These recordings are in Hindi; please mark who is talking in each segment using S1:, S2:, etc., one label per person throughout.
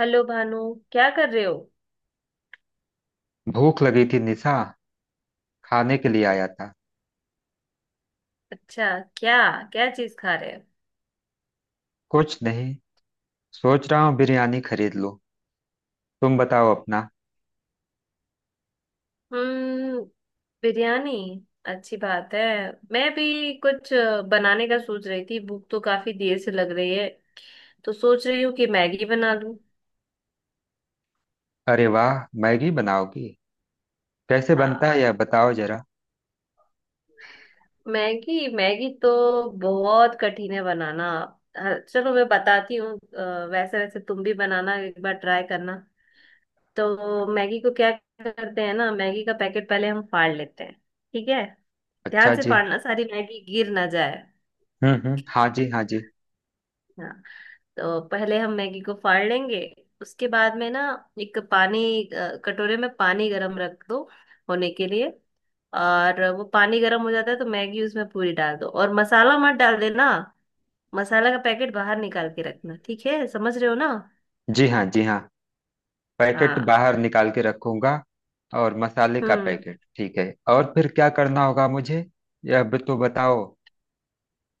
S1: हेलो भानु। क्या कर रहे हो।
S2: भूख लगी थी निशा। खाने के लिए आया था।
S1: अच्छा। क्या क्या चीज खा रहे हो।
S2: कुछ नहीं, सोच रहा हूँ बिरयानी खरीद लूँ। तुम बताओ अपना।
S1: हम्म। बिरयानी। अच्छी बात है। मैं भी कुछ बनाने का सोच रही थी, भूख तो काफी देर से लग रही है, तो सोच रही हूँ कि मैगी बना लूं।
S2: अरे वाह, मैगी बनाओगी? कैसे बनता
S1: हाँ।
S2: है यह बताओ जरा।
S1: मैगी मैगी तो बहुत कठिन है बनाना। हाँ, चलो मैं बताती हूँ। वैसे वैसे तुम भी बनाना, एक बार ट्राई करना। तो मैगी को क्या करते हैं ना, मैगी का पैकेट पहले हम फाड़ लेते हैं। ठीक है। ध्यान
S2: अच्छा
S1: से
S2: जी।
S1: फाड़ना, सारी मैगी गिर ना जाए।
S2: हम्म, हाँ जी हाँ जी।
S1: हाँ। तो पहले हम मैगी को फाड़ लेंगे। उसके बाद में ना एक पानी कटोरे में पानी गरम रख दो होने के लिए। और वो पानी गरम हो जाता है तो मैगी उसमें पूरी डाल दो, और मसाला मत डाल देना। मसाला का पैकेट बाहर निकाल के रखना, ठीक है, समझ रहे हो ना।
S2: जी हाँ जी हाँ। पैकेट
S1: हाँ।
S2: बाहर निकाल के रखूंगा। और मसाले का
S1: हम्म।
S2: पैकेट ठीक है। और फिर क्या करना होगा मुझे, यह भी तो बताओ।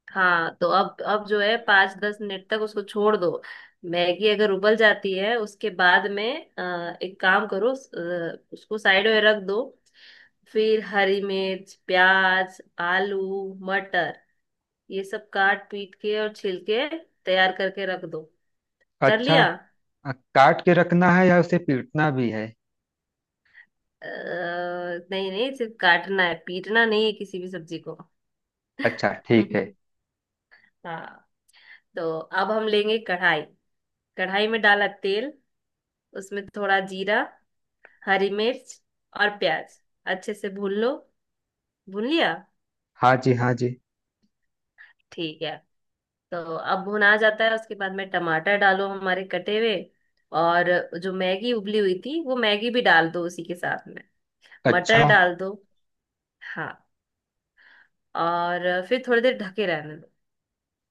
S1: हाँ। तो अब जो है 5-10 मिनट तक उसको छोड़ दो। मैगी अगर उबल जाती है उसके बाद में एक काम करो, उसको साइड में रख दो। फिर हरी मिर्च, प्याज, आलू, मटर, ये सब काट पीट के और छिल के तैयार करके रख दो। कर
S2: अच्छा।
S1: लिया।
S2: काट के रखना है या उसे पीटना भी है?
S1: नहीं नहीं, सिर्फ काटना है, पीटना नहीं है किसी भी सब्जी को।
S2: अच्छा ठीक है।
S1: हाँ। तो अब हम लेंगे कढ़ाई। कढ़ाई में डाला तेल। उसमें थोड़ा जीरा, हरी मिर्च और प्याज अच्छे से भून लो। भून लिया।
S2: हाँ जी हाँ जी।
S1: ठीक है। तो अब भुना जाता है उसके बाद में टमाटर डालो हमारे कटे हुए। और जो मैगी उबली हुई थी वो मैगी भी डाल दो उसी के साथ में।
S2: अच्छा।
S1: मटर डाल दो। हाँ। और फिर थोड़ी देर ढके रहने दो।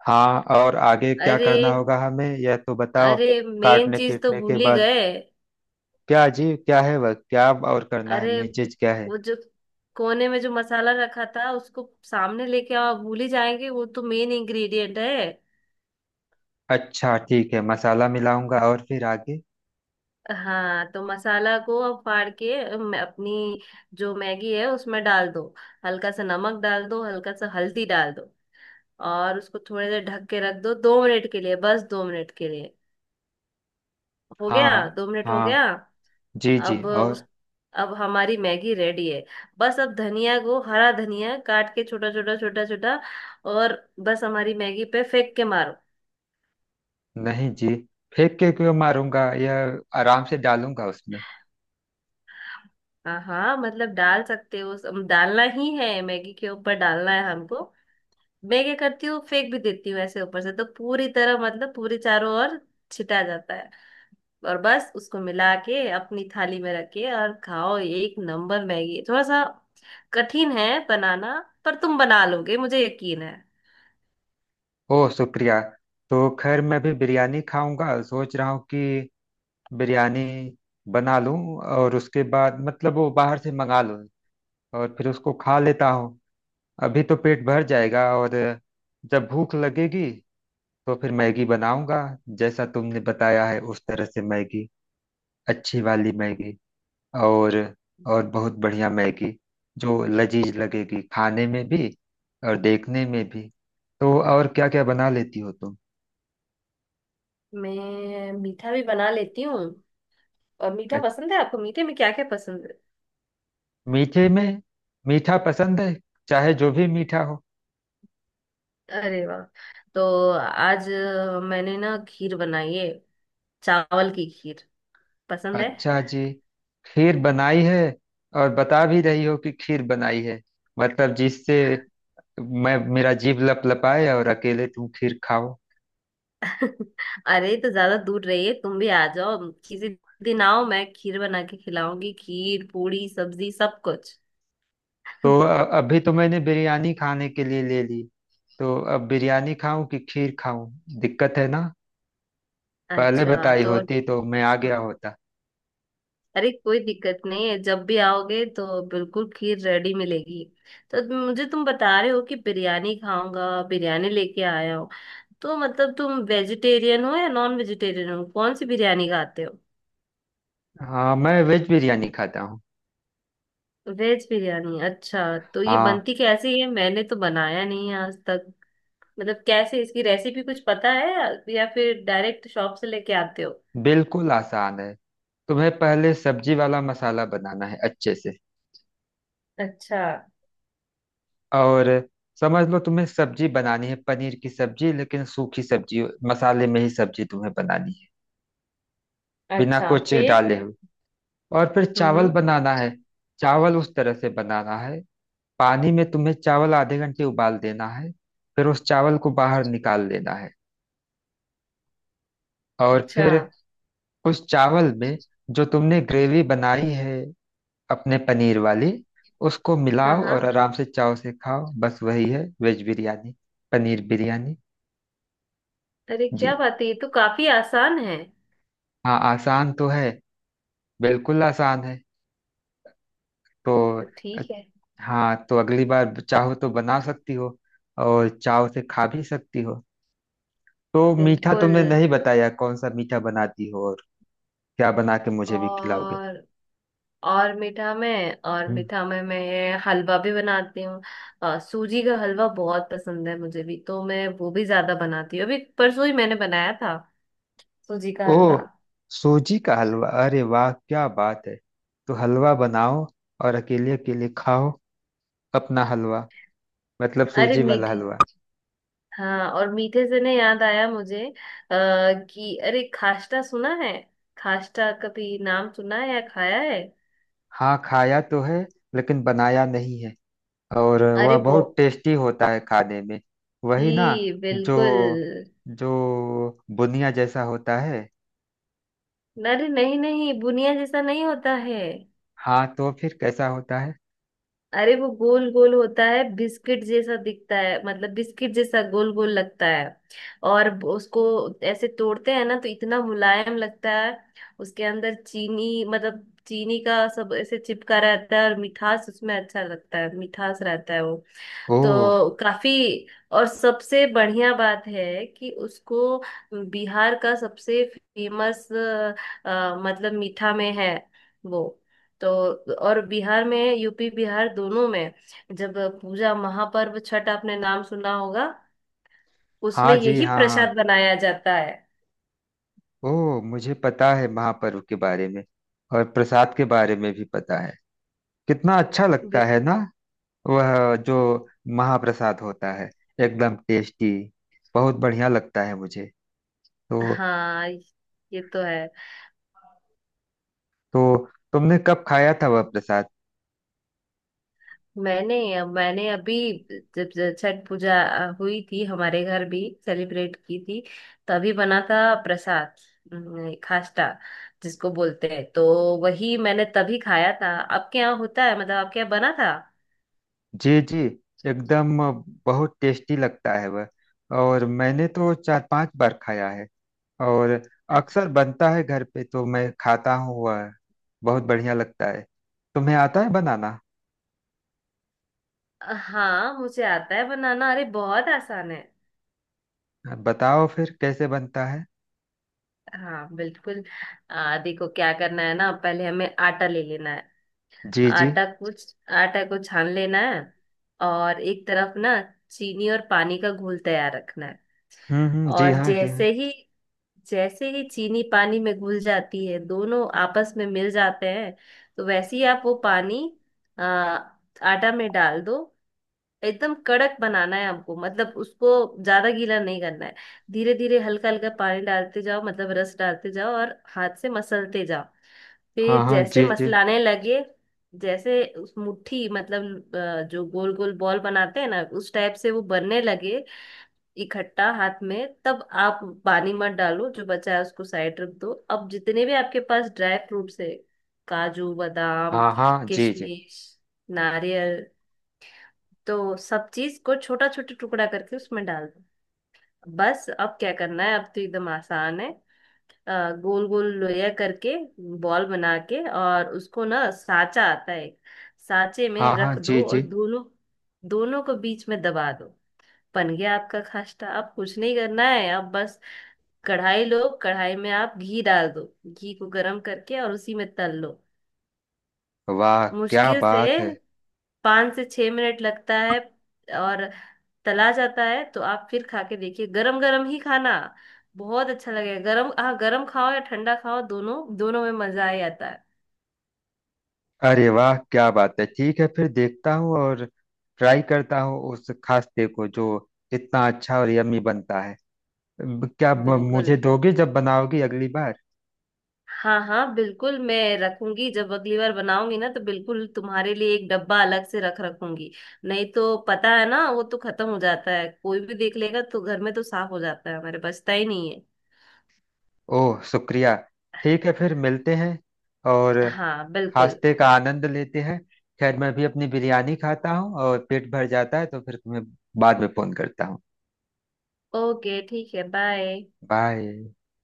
S2: हाँ, और आगे क्या
S1: अरे।
S2: करना होगा हमें, यह तो बताओ।
S1: अरे मेन
S2: काटने
S1: चीज तो
S2: पीटने के
S1: भूल ही
S2: बाद
S1: गए।
S2: क्या जी, क्या है वह? क्या और करना है,
S1: अरे
S2: मेन चीज क्या है?
S1: वो जो कोने में जो मसाला रखा था उसको सामने लेके आओ, भूल ही जाएंगे, वो तो मेन इंग्रेडिएंट है।
S2: अच्छा ठीक है, मसाला मिलाऊंगा और फिर आगे?
S1: हाँ। तो मसाला को अब फाड़ के अपनी जो मैगी है उसमें डाल दो। हल्का सा नमक डाल दो, हल्का सा हल्दी डाल दो। और उसको थोड़ी देर ढक के रख दो, 2 मिनट के लिए, बस 2 मिनट के लिए। हो गया।
S2: हाँ
S1: 2 मिनट हो गया।
S2: हाँ जी जी,
S1: अब उस
S2: और?
S1: अब हमारी मैगी रेडी है। बस अब धनिया को, हरा धनिया काट के, छोटा छोटा छोटा छोटा। और बस हमारी मैगी पे फेंक के मारो।
S2: नहीं जी, फेंक के क्यों मारूंगा? यह आराम से डालूंगा उसमें।
S1: हाँ हाँ, मतलब डाल सकते हो। डालना ही है, मैगी के ऊपर डालना है हमको। मैं क्या करती हूँ, फेंक भी देती हूँ ऐसे ऊपर से तो पूरी तरह, मतलब पूरी चारों ओर छिटा जाता है। और बस उसको मिला के अपनी थाली में रख के और खाओ, ये एक नंबर मैगी है। थोड़ा सा कठिन है बनाना, पर तुम बना लोगे मुझे यकीन है।
S2: ओह शुक्रिया। तो खैर मैं भी बिरयानी खाऊंगा, सोच रहा हूँ कि बिरयानी बना लूं। और उसके बाद मतलब वो बाहर से मंगा लूं, और फिर उसको खा लेता हूँ। अभी तो पेट भर जाएगा, और जब भूख लगेगी तो फिर मैगी बनाऊंगा, जैसा तुमने बताया है उस तरह से। मैगी, अच्छी वाली मैगी, और और बहुत बढ़िया मैगी, जो लजीज लगेगी खाने में भी और देखने में भी। तो और क्या क्या बना लेती हो तुम?
S1: मैं मीठा भी बना लेती हूँ। और मीठा
S2: अच्छ-
S1: पसंद है आपको? मीठे में क्या क्या पसंद
S2: मीठे में मीठा पसंद है, चाहे जो भी मीठा हो।
S1: है? अरे वाह। तो आज मैंने ना खीर बनाई है, चावल की खीर। पसंद है?
S2: अच्छा जी, खीर बनाई है। और बता भी रही हो कि खीर बनाई है, मतलब जिससे मैं, मेरा जीभ लपलपाए और अकेले तुम खीर खाओ।
S1: अरे तो ज्यादा दूर रहिए, तुम भी आ जाओ किसी दिन, आओ, मैं खीर बना के खिलाऊंगी, खीर पूड़ी सब्जी सब कुछ।
S2: तो अभी तो मैंने बिरयानी खाने के लिए ले ली, तो अब बिरयानी खाऊं कि खीर खाऊं, दिक्कत है ना। पहले
S1: अच्छा।
S2: बताई
S1: तो
S2: होती तो मैं आ गया होता।
S1: अरे कोई दिक्कत नहीं है, जब भी आओगे तो बिल्कुल खीर रेडी मिलेगी। तो मुझे तुम बता रहे हो कि बिरयानी खाऊंगा, बिरयानी लेके आया हो, तो मतलब तुम वेजिटेरियन हो या नॉन वेजिटेरियन हो, कौन सी बिरयानी खाते हो?
S2: हाँ, मैं वेज बिरयानी खाता हूँ।
S1: वेज बिरयानी, अच्छा। तो ये
S2: हाँ,
S1: बनती कैसी है, मैंने तो बनाया नहीं है आज। मतलब कैसे इसकी रेसिपी कुछ पता है या फिर डायरेक्ट शॉप से लेके आते हो?
S2: बिल्कुल आसान है। तुम्हें पहले सब्जी वाला मसाला बनाना है अच्छे से।
S1: अच्छा।
S2: और समझ लो, तुम्हें सब्जी बनानी है, पनीर की सब्जी, लेकिन सूखी सब्जी। मसाले में ही सब्जी तुम्हें बनानी है, बिना
S1: अच्छा
S2: कुछ
S1: फिर।
S2: डाले हुए। और फिर चावल
S1: हम्म।
S2: बनाना है। चावल उस तरह से बनाना है, पानी में तुम्हें चावल आधे घंटे उबाल देना है। फिर उस चावल को बाहर निकाल लेना है। और
S1: अच्छा।
S2: फिर उस चावल में जो तुमने ग्रेवी बनाई है अपने पनीर वाली, उसको
S1: हाँ
S2: मिलाओ
S1: हाँ।
S2: और आराम से चाव से खाओ। बस वही है वेज बिरयानी, पनीर बिरयानी।
S1: अरे
S2: जी।
S1: क्या बात है, ये तो काफी आसान है।
S2: हाँ आसान तो है, बिल्कुल आसान है। तो
S1: तो
S2: अ-
S1: ठीक है।
S2: हाँ, तो अगली बार चाहो तो बना सकती हो और चाव से खा भी सकती हो। तो मीठा
S1: बिल्कुल।
S2: तुमने नहीं बताया, कौन सा मीठा बनाती हो और क्या बना के मुझे भी खिलाओगे?
S1: और और मीठा में और
S2: हम्म।
S1: मीठा में मैं हलवा भी बनाती हूँ। सूजी का हलवा बहुत पसंद है, मुझे भी, तो मैं वो भी ज्यादा बनाती हूँ, अभी परसों ही मैंने बनाया था सूजी का
S2: ओह,
S1: हलवा।
S2: सूजी का हलवा, अरे वाह क्या बात है। तो हलवा बनाओ और अकेले अकेले खाओ अपना हलवा, मतलब
S1: अरे
S2: सूजी वाला
S1: मीठे।
S2: हलवा।
S1: हाँ, और मीठे से ना याद आया मुझे कि अरे खास्टा सुना है? खास्टा कभी नाम सुना है या खाया है?
S2: हाँ खाया तो है, लेकिन बनाया नहीं है। और वह
S1: अरे बो
S2: बहुत टेस्टी होता है खाने में। वही ना,
S1: जी
S2: जो
S1: बिल्कुल।
S2: जो बुनिया जैसा होता है।
S1: अरे नहीं नहीं, बुनिया जैसा नहीं होता है।
S2: हाँ, तो फिर कैसा होता है?
S1: अरे वो गोल गोल होता है, बिस्किट जैसा दिखता है, मतलब बिस्किट जैसा गोल गोल लगता है। और उसको ऐसे तोड़ते हैं ना तो इतना मुलायम लगता है, उसके अंदर चीनी, मतलब चीनी का सब ऐसे चिपका रहता है और मिठास उसमें अच्छा लगता है, मिठास रहता है।
S2: ओह।
S1: तो काफी। और सबसे बढ़िया बात है कि उसको, बिहार का सबसे फेमस, मतलब मीठा में है वो तो। और बिहार में, यूपी बिहार दोनों में जब पूजा महापर्व छठ, आपने नाम सुना होगा, उसमें
S2: हाँ जी,
S1: यही
S2: हाँ हाँ।
S1: प्रसाद बनाया जाता है।
S2: ओह मुझे पता है महापर्व के बारे में, और प्रसाद के बारे में भी पता है। कितना अच्छा लगता
S1: बिल-
S2: है ना, वह जो महाप्रसाद होता है, एकदम टेस्टी, बहुत बढ़िया लगता है मुझे। तो
S1: हाँ, ये तो है।
S2: तो तुमने कब खाया था वह प्रसाद?
S1: मैंने मैंने अभी, जब जब छठ पूजा हुई थी, हमारे घर भी सेलिब्रेट की थी, तभी बना था प्रसाद, खास्टा जिसको बोलते हैं, तो वही मैंने तभी खाया था, आपके यहाँ होता है, मतलब आपके यहाँ बना था।
S2: जी जी, एकदम बहुत टेस्टी लगता है वह। और मैंने तो 4-5 बार खाया है, और
S1: अ-
S2: अक्सर बनता है घर पे, तो मैं खाता हूँ वह। बहुत बढ़िया लगता है। तुम्हें आता है बनाना?
S1: हाँ, मुझे आता है बनाना, अरे बहुत आसान है।
S2: अब बताओ फिर कैसे बनता है।
S1: हाँ बिल्कुल। देखो क्या करना है ना, पहले हमें आटा ले लेना है।
S2: जी जी।
S1: आटा कुछ आटा को छान लेना है। और एक तरफ ना चीनी और पानी का घोल तैयार रखना है।
S2: हम्म, जी
S1: और
S2: हाँ जी हाँ।
S1: जैसे ही चीनी पानी में घुल जाती है, दोनों आपस में मिल जाते हैं, तो वैसे ही आप वो पानी आटा में डाल दो। एकदम कड़क बनाना है हमको, मतलब उसको ज्यादा गीला नहीं करना है। धीरे धीरे हल्का हल्का पानी डालते जाओ, मतलब रस डालते जाओ और हाथ से मसलते जाओ।
S2: हाँ
S1: फिर
S2: हाँ
S1: जैसे
S2: जी जी।
S1: मसलाने लगे, जैसे उस मुट्ठी, मतलब जो गोल गोल बॉल बनाते हैं ना, उस टाइप से वो बनने लगे, इकट्ठा हाथ में, तब आप पानी मत डालो, जो बचा है उसको साइड रख दो। अब जितने भी आपके पास ड्राई फ्रूट्स है, काजू, बादाम,
S2: हाँ हाँ जी जी।
S1: किशमिश, नारियल, तो सब चीज को छोटा छोटा टुकड़ा करके उसमें डाल दो। बस अब क्या करना है, अब तो एकदम आसान है। गोल गोल लोया करके बॉल बना के, और उसको ना साचा आता है, साचे में
S2: हाँ हाँ
S1: रख
S2: जी
S1: दो और
S2: जी।
S1: दोनों दोनों को बीच में दबा दो। बन गया आपका खास्टा। अब कुछ नहीं करना है, अब बस कढ़ाई लो, कढ़ाई में आप घी डाल दो, घी को गरम करके और उसी में तल लो।
S2: वाह क्या
S1: मुश्किल से
S2: बात है।
S1: 5 से 6 मिनट लगता है। और तला जाता है तो आप फिर खा के देखिए, गरम गरम ही खाना, बहुत अच्छा लगेगा गरम। हाँ, गरम खाओ या ठंडा खाओ, दोनों दोनों में मजा ही आता है।
S2: अरे वाह क्या बात है, ठीक है फिर देखता हूँ और ट्राई करता हूँ उस खास्ते को, जो इतना अच्छा और यम्मी बनता है। क्या
S1: बिल्कुल।
S2: मुझे दोगे जब बनाओगी अगली बार?
S1: हाँ हाँ बिल्कुल, मैं रखूंगी, जब अगली बार बनाऊंगी ना तो बिल्कुल तुम्हारे लिए एक डब्बा अलग से रख रखूंगी। नहीं तो पता है ना, वो तो खत्म हो जाता है, कोई भी देख लेगा तो घर में तो साफ हो जाता है, हमारे बचता ही नहीं है।
S2: ओह शुक्रिया। ठीक है फिर मिलते हैं और
S1: हाँ बिल्कुल।
S2: खास्ते का आनंद लेते हैं। खैर मैं भी अपनी बिरयानी खाता हूँ, और पेट भर जाता है, तो फिर तुम्हें बाद में फोन करता हूँ।
S1: ओके ठीक है, बाय।
S2: बाय।